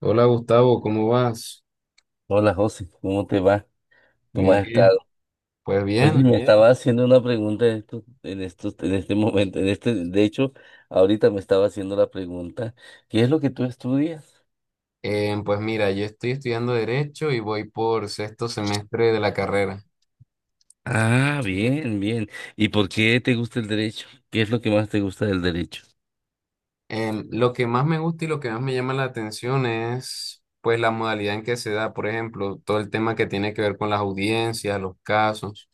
Hola Gustavo, ¿cómo vas? Hola José, ¿cómo te va? ¿Cómo Bien, has bien. estado? Pues Oye, bien, estaba haciendo una pregunta en este momento, en este, de hecho, ahorita me estaba haciendo la pregunta, ¿qué es lo que tú estudias? Pues mira, yo estoy estudiando Derecho y voy por sexto semestre de la carrera. Ah, bien, bien. ¿Y por qué te gusta el derecho? ¿Qué es lo que más te gusta del derecho? Lo que más me gusta y lo que más me llama la atención es pues la modalidad en que se da, por ejemplo, todo el tema que tiene que ver con las audiencias, los casos.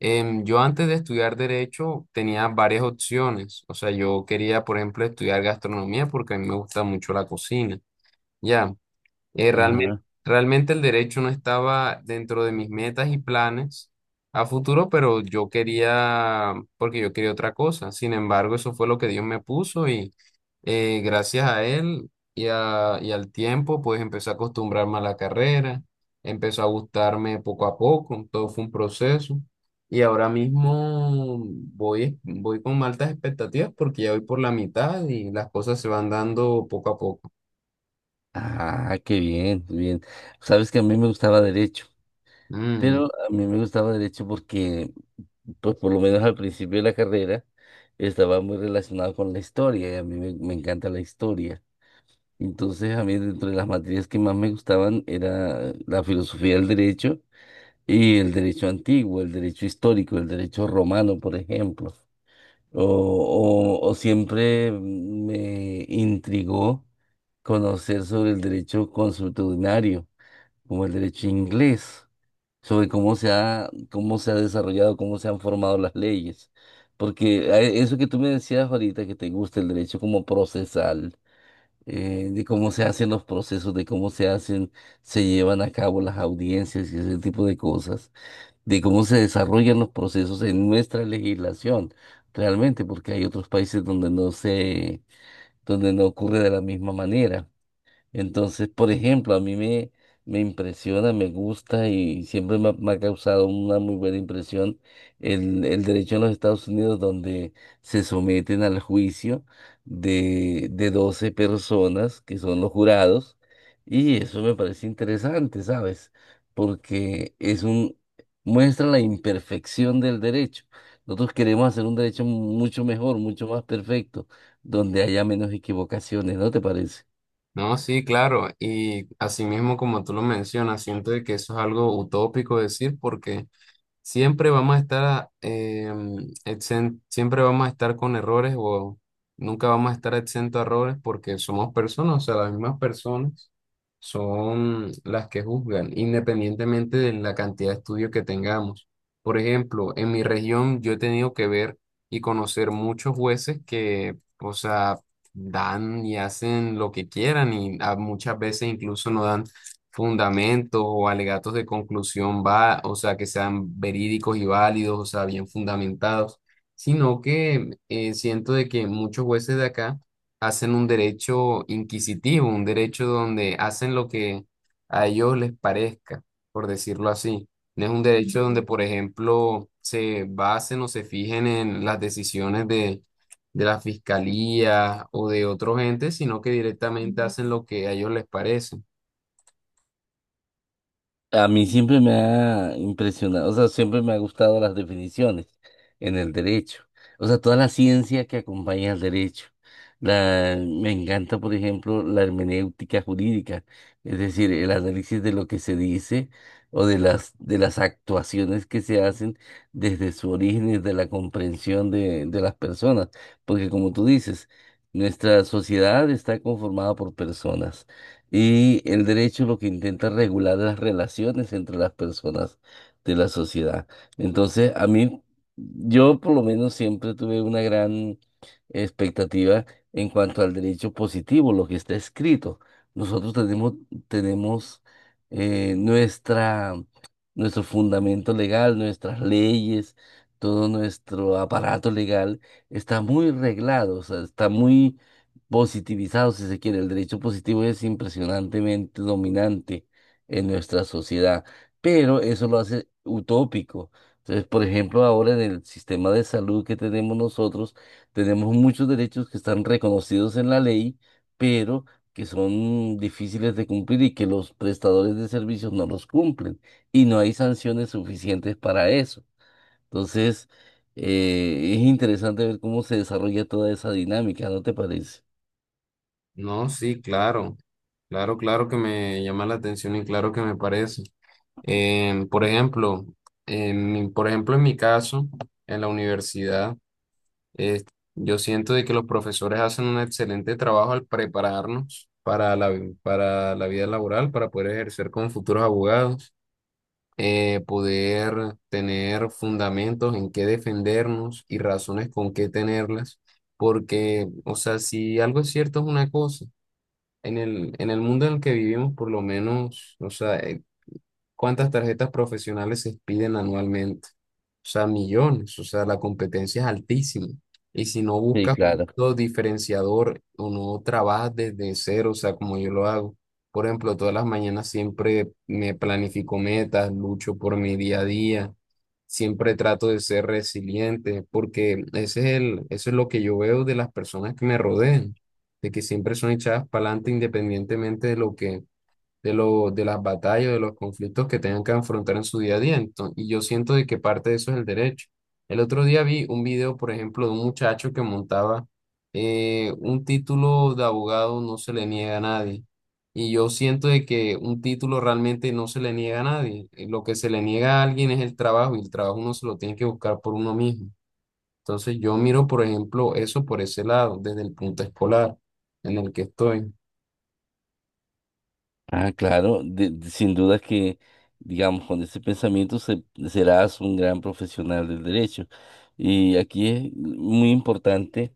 Yo antes de estudiar Derecho tenía varias opciones, o sea, yo quería, por ejemplo, estudiar gastronomía porque a mí me gusta mucho la cocina. Ya. Eh, realmente, Ajá. realmente el derecho no estaba dentro de mis metas y planes a futuro, pero yo quería, porque yo quería otra cosa. Sin embargo, eso fue lo que Dios me puso y gracias a Él y al tiempo, pues empecé a acostumbrarme a la carrera, empezó a gustarme poco a poco, todo fue un proceso. Y ahora mismo voy, voy con altas expectativas porque ya voy por la mitad y las cosas se van dando poco a poco. Ah, qué bien, bien. Sabes que a mí me gustaba derecho, Mm. pero a mí me gustaba derecho porque, pues por lo menos al principio de la carrera, estaba muy relacionado con la historia y a mí me encanta la historia. Entonces, a mí, dentro de las materias que más me gustaban era la filosofía del derecho y el derecho antiguo, el derecho histórico, el derecho romano, por ejemplo. O siempre me intrigó conocer sobre el derecho consuetudinario, como el derecho inglés, sobre cómo se ha desarrollado, cómo se han formado las leyes. Porque eso que tú me decías ahorita, que te gusta el derecho como procesal de cómo se hacen los procesos, de cómo se hacen, se llevan a cabo las audiencias y ese tipo de cosas, de cómo se desarrollan los procesos en nuestra legislación, realmente, porque hay otros países donde no se, donde no ocurre de la misma manera. Entonces, por ejemplo, me impresiona, me gusta y siempre me ha causado una muy buena impresión el derecho en los Estados Unidos donde se someten al juicio de 12 personas que son los jurados y eso me parece interesante, ¿sabes? Porque es un, Muestra la imperfección del derecho. Nosotros queremos hacer un derecho mucho mejor, mucho más perfecto, donde haya menos equivocaciones, ¿no te parece? No, sí, claro. Y asimismo, como tú lo mencionas, siento de que eso es algo utópico decir porque siempre vamos a estar, siempre vamos a estar con errores o nunca vamos a estar exento a errores porque somos personas, o sea, las mismas personas son las que juzgan, independientemente de la cantidad de estudios que tengamos. Por ejemplo, en mi región yo he tenido que ver y conocer muchos jueces que, o sea, dan y hacen lo que quieran y muchas veces incluso no dan fundamentos o alegatos de conclusión va, o sea, que sean verídicos y válidos, o sea, bien fundamentados, sino que siento de que muchos jueces de acá hacen un derecho inquisitivo, un derecho donde hacen lo que a ellos les parezca, por decirlo así. No es un derecho donde, por ejemplo, se basen o se fijen en las decisiones de la fiscalía o de otros entes, sino que directamente hacen lo que a ellos les parece. A mí siempre me ha impresionado, o sea, siempre me ha gustado las definiciones en el derecho, o sea, toda la ciencia que acompaña al derecho. Me encanta, por ejemplo, la hermenéutica jurídica, es decir, el análisis de lo que se dice o de las actuaciones que se hacen desde su origen y de la comprensión de las personas, porque como tú dices, nuestra sociedad está conformada por personas. Y el derecho lo que intenta regular las relaciones entre las personas de la sociedad. Entonces, a mí, yo por lo menos siempre tuve una gran expectativa en cuanto al derecho positivo, lo que está escrito. Nosotros tenemos, Tenemos eh, nuestra, nuestro fundamento legal, nuestras leyes, todo nuestro aparato legal está muy reglado, o sea, está muy positivizado, si se quiere. El derecho positivo es impresionantemente dominante en nuestra sociedad, pero eso lo hace utópico. Entonces, por ejemplo, ahora en el sistema de salud que tenemos nosotros, tenemos muchos derechos que están reconocidos en la ley, pero que son difíciles de cumplir y que los prestadores de servicios no los cumplen y no hay sanciones suficientes para eso. Entonces, es interesante ver cómo se desarrolla toda esa dinámica, ¿no te parece? No, sí, claro, claro, claro que me llama la atención y claro que me parece. Por ejemplo, por ejemplo, en mi caso, en la universidad, eh, yo siento de que los profesores hacen un excelente trabajo al prepararnos para para la vida laboral, para poder ejercer como futuros abogados, poder tener fundamentos en qué defendernos y razones con qué tenerlas, porque, o sea, si algo es cierto es una cosa. En el mundo en el que vivimos, por lo menos, o sea, ¿cuántas tarjetas profesionales se expiden anualmente? O sea, millones, o sea, la competencia es altísima. Y si no Sí, buscas claro. lo diferenciador o no trabajas desde cero, o sea, como yo lo hago. Por ejemplo, todas las mañanas siempre me planifico metas, lucho por mi día a día, siempre trato de ser resiliente, porque ese es el, eso es lo que yo veo de las personas que me rodean, de que siempre son echadas para adelante independientemente de lo que de las batallas, de los conflictos que tengan que afrontar en su día a día. Entonces, y yo siento de que parte de eso es el derecho. El otro día vi un video, por ejemplo, de un muchacho que montaba un título de abogado no se le niega a nadie. Y yo siento de que un título realmente no se le niega a nadie. Lo que se le niega a alguien es el trabajo y el trabajo uno se lo tiene que buscar por uno mismo. Entonces yo miro, por ejemplo, eso por ese lado, desde el punto escolar en el que estoy. Ah, claro, sin duda que, digamos, con ese pensamiento serás un gran profesional del derecho. Y aquí es muy importante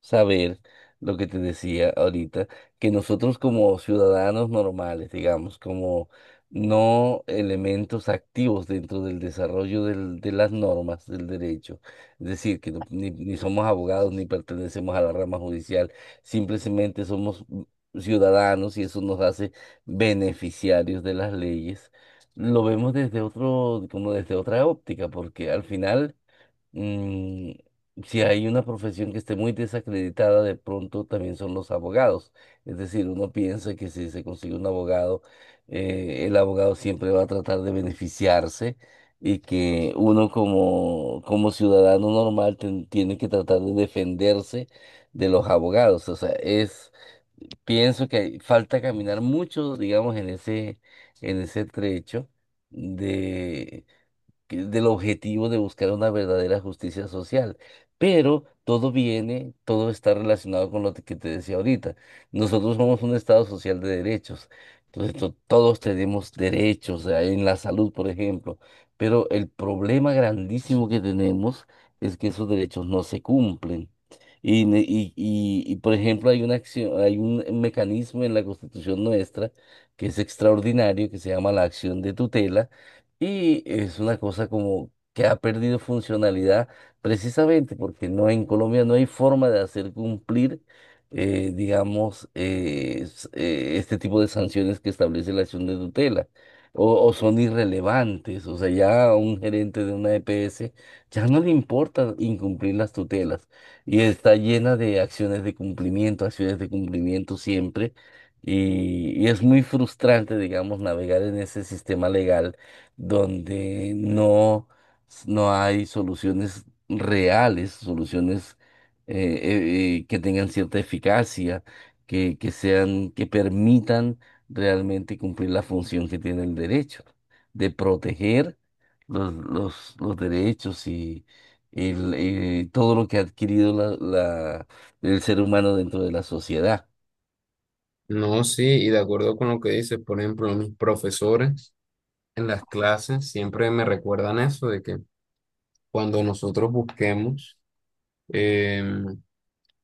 saber lo que te decía ahorita, que nosotros como ciudadanos normales, digamos, como no elementos activos dentro del desarrollo de las normas del derecho, es decir, que no- ni, ni somos abogados ni pertenecemos a la rama judicial, simplemente somos ciudadanos y eso nos hace beneficiarios de las leyes, lo vemos desde otro, como desde otra óptica, porque al final, mm, si hay una profesión que esté muy desacreditada, de pronto también son los abogados. Es decir, uno piensa que si se consigue un abogado, el abogado siempre va a tratar de beneficiarse. Y que uno como, como ciudadano normal tiene que tratar de defenderse de los abogados. Pienso que falta caminar mucho, digamos, en ese trecho del objetivo de buscar una verdadera justicia social. Pero todo viene, todo está relacionado con lo que te decía ahorita. Nosotros somos un Estado social de derechos. Entonces, todos tenemos derechos, en la salud, por ejemplo. Pero el problema grandísimo que tenemos es que esos derechos no se cumplen. Y, por ejemplo, hay una acción, hay un mecanismo en la Constitución nuestra que es extraordinario, que se llama la acción de tutela, y es una cosa como que ha perdido funcionalidad precisamente porque en Colombia no hay forma de hacer cumplir, digamos, este tipo de sanciones que establece la acción de tutela. O son irrelevantes, o sea, ya a un gerente de una EPS ya no le importa incumplir las tutelas y está llena de acciones de cumplimiento siempre y es muy frustrante, digamos, navegar en ese sistema legal donde no, no hay soluciones reales, soluciones eh, que tengan cierta eficacia, que sean, que permitan realmente cumplir la función que tiene el derecho, de proteger los derechos y todo lo que ha adquirido el ser humano dentro de la sociedad. No, sí, y de acuerdo con lo que dices, por ejemplo, mis profesores en las clases siempre me recuerdan eso, de que cuando nosotros busquemos, em,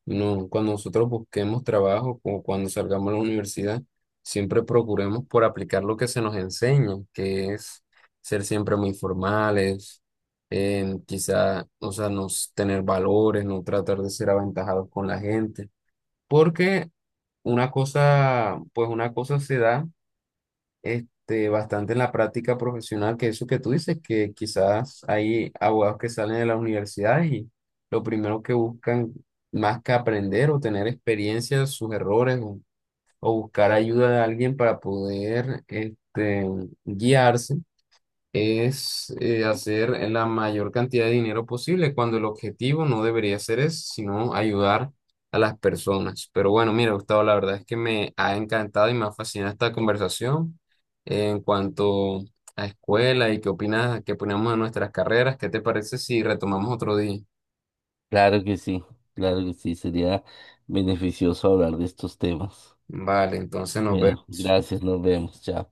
no, cuando nosotros busquemos trabajo o cuando salgamos a la universidad, siempre procuremos por aplicar lo que se nos enseña, que es ser siempre muy formales, quizá, o sea, no tener valores, no tratar de ser aventajados con la gente, porque una cosa, pues una cosa se da bastante en la práctica profesional, que eso que tú dices, que quizás hay abogados que salen de la universidad y lo primero que buscan más que aprender o tener experiencia sus errores o buscar ayuda de alguien para poder guiarse es hacer la mayor cantidad de dinero posible, cuando el objetivo no debería ser eso, sino ayudar a las personas. Pero bueno, mira, Gustavo, la verdad es que me ha encantado y me ha fascinado esta conversación en cuanto a escuela y qué opinas, qué opinamos de nuestras carreras. ¿Qué te parece si retomamos otro día? Claro que sí, claro que sí, sería beneficioso hablar de estos temas. Vale, entonces nos Bueno, vemos. gracias, nos vemos, chao.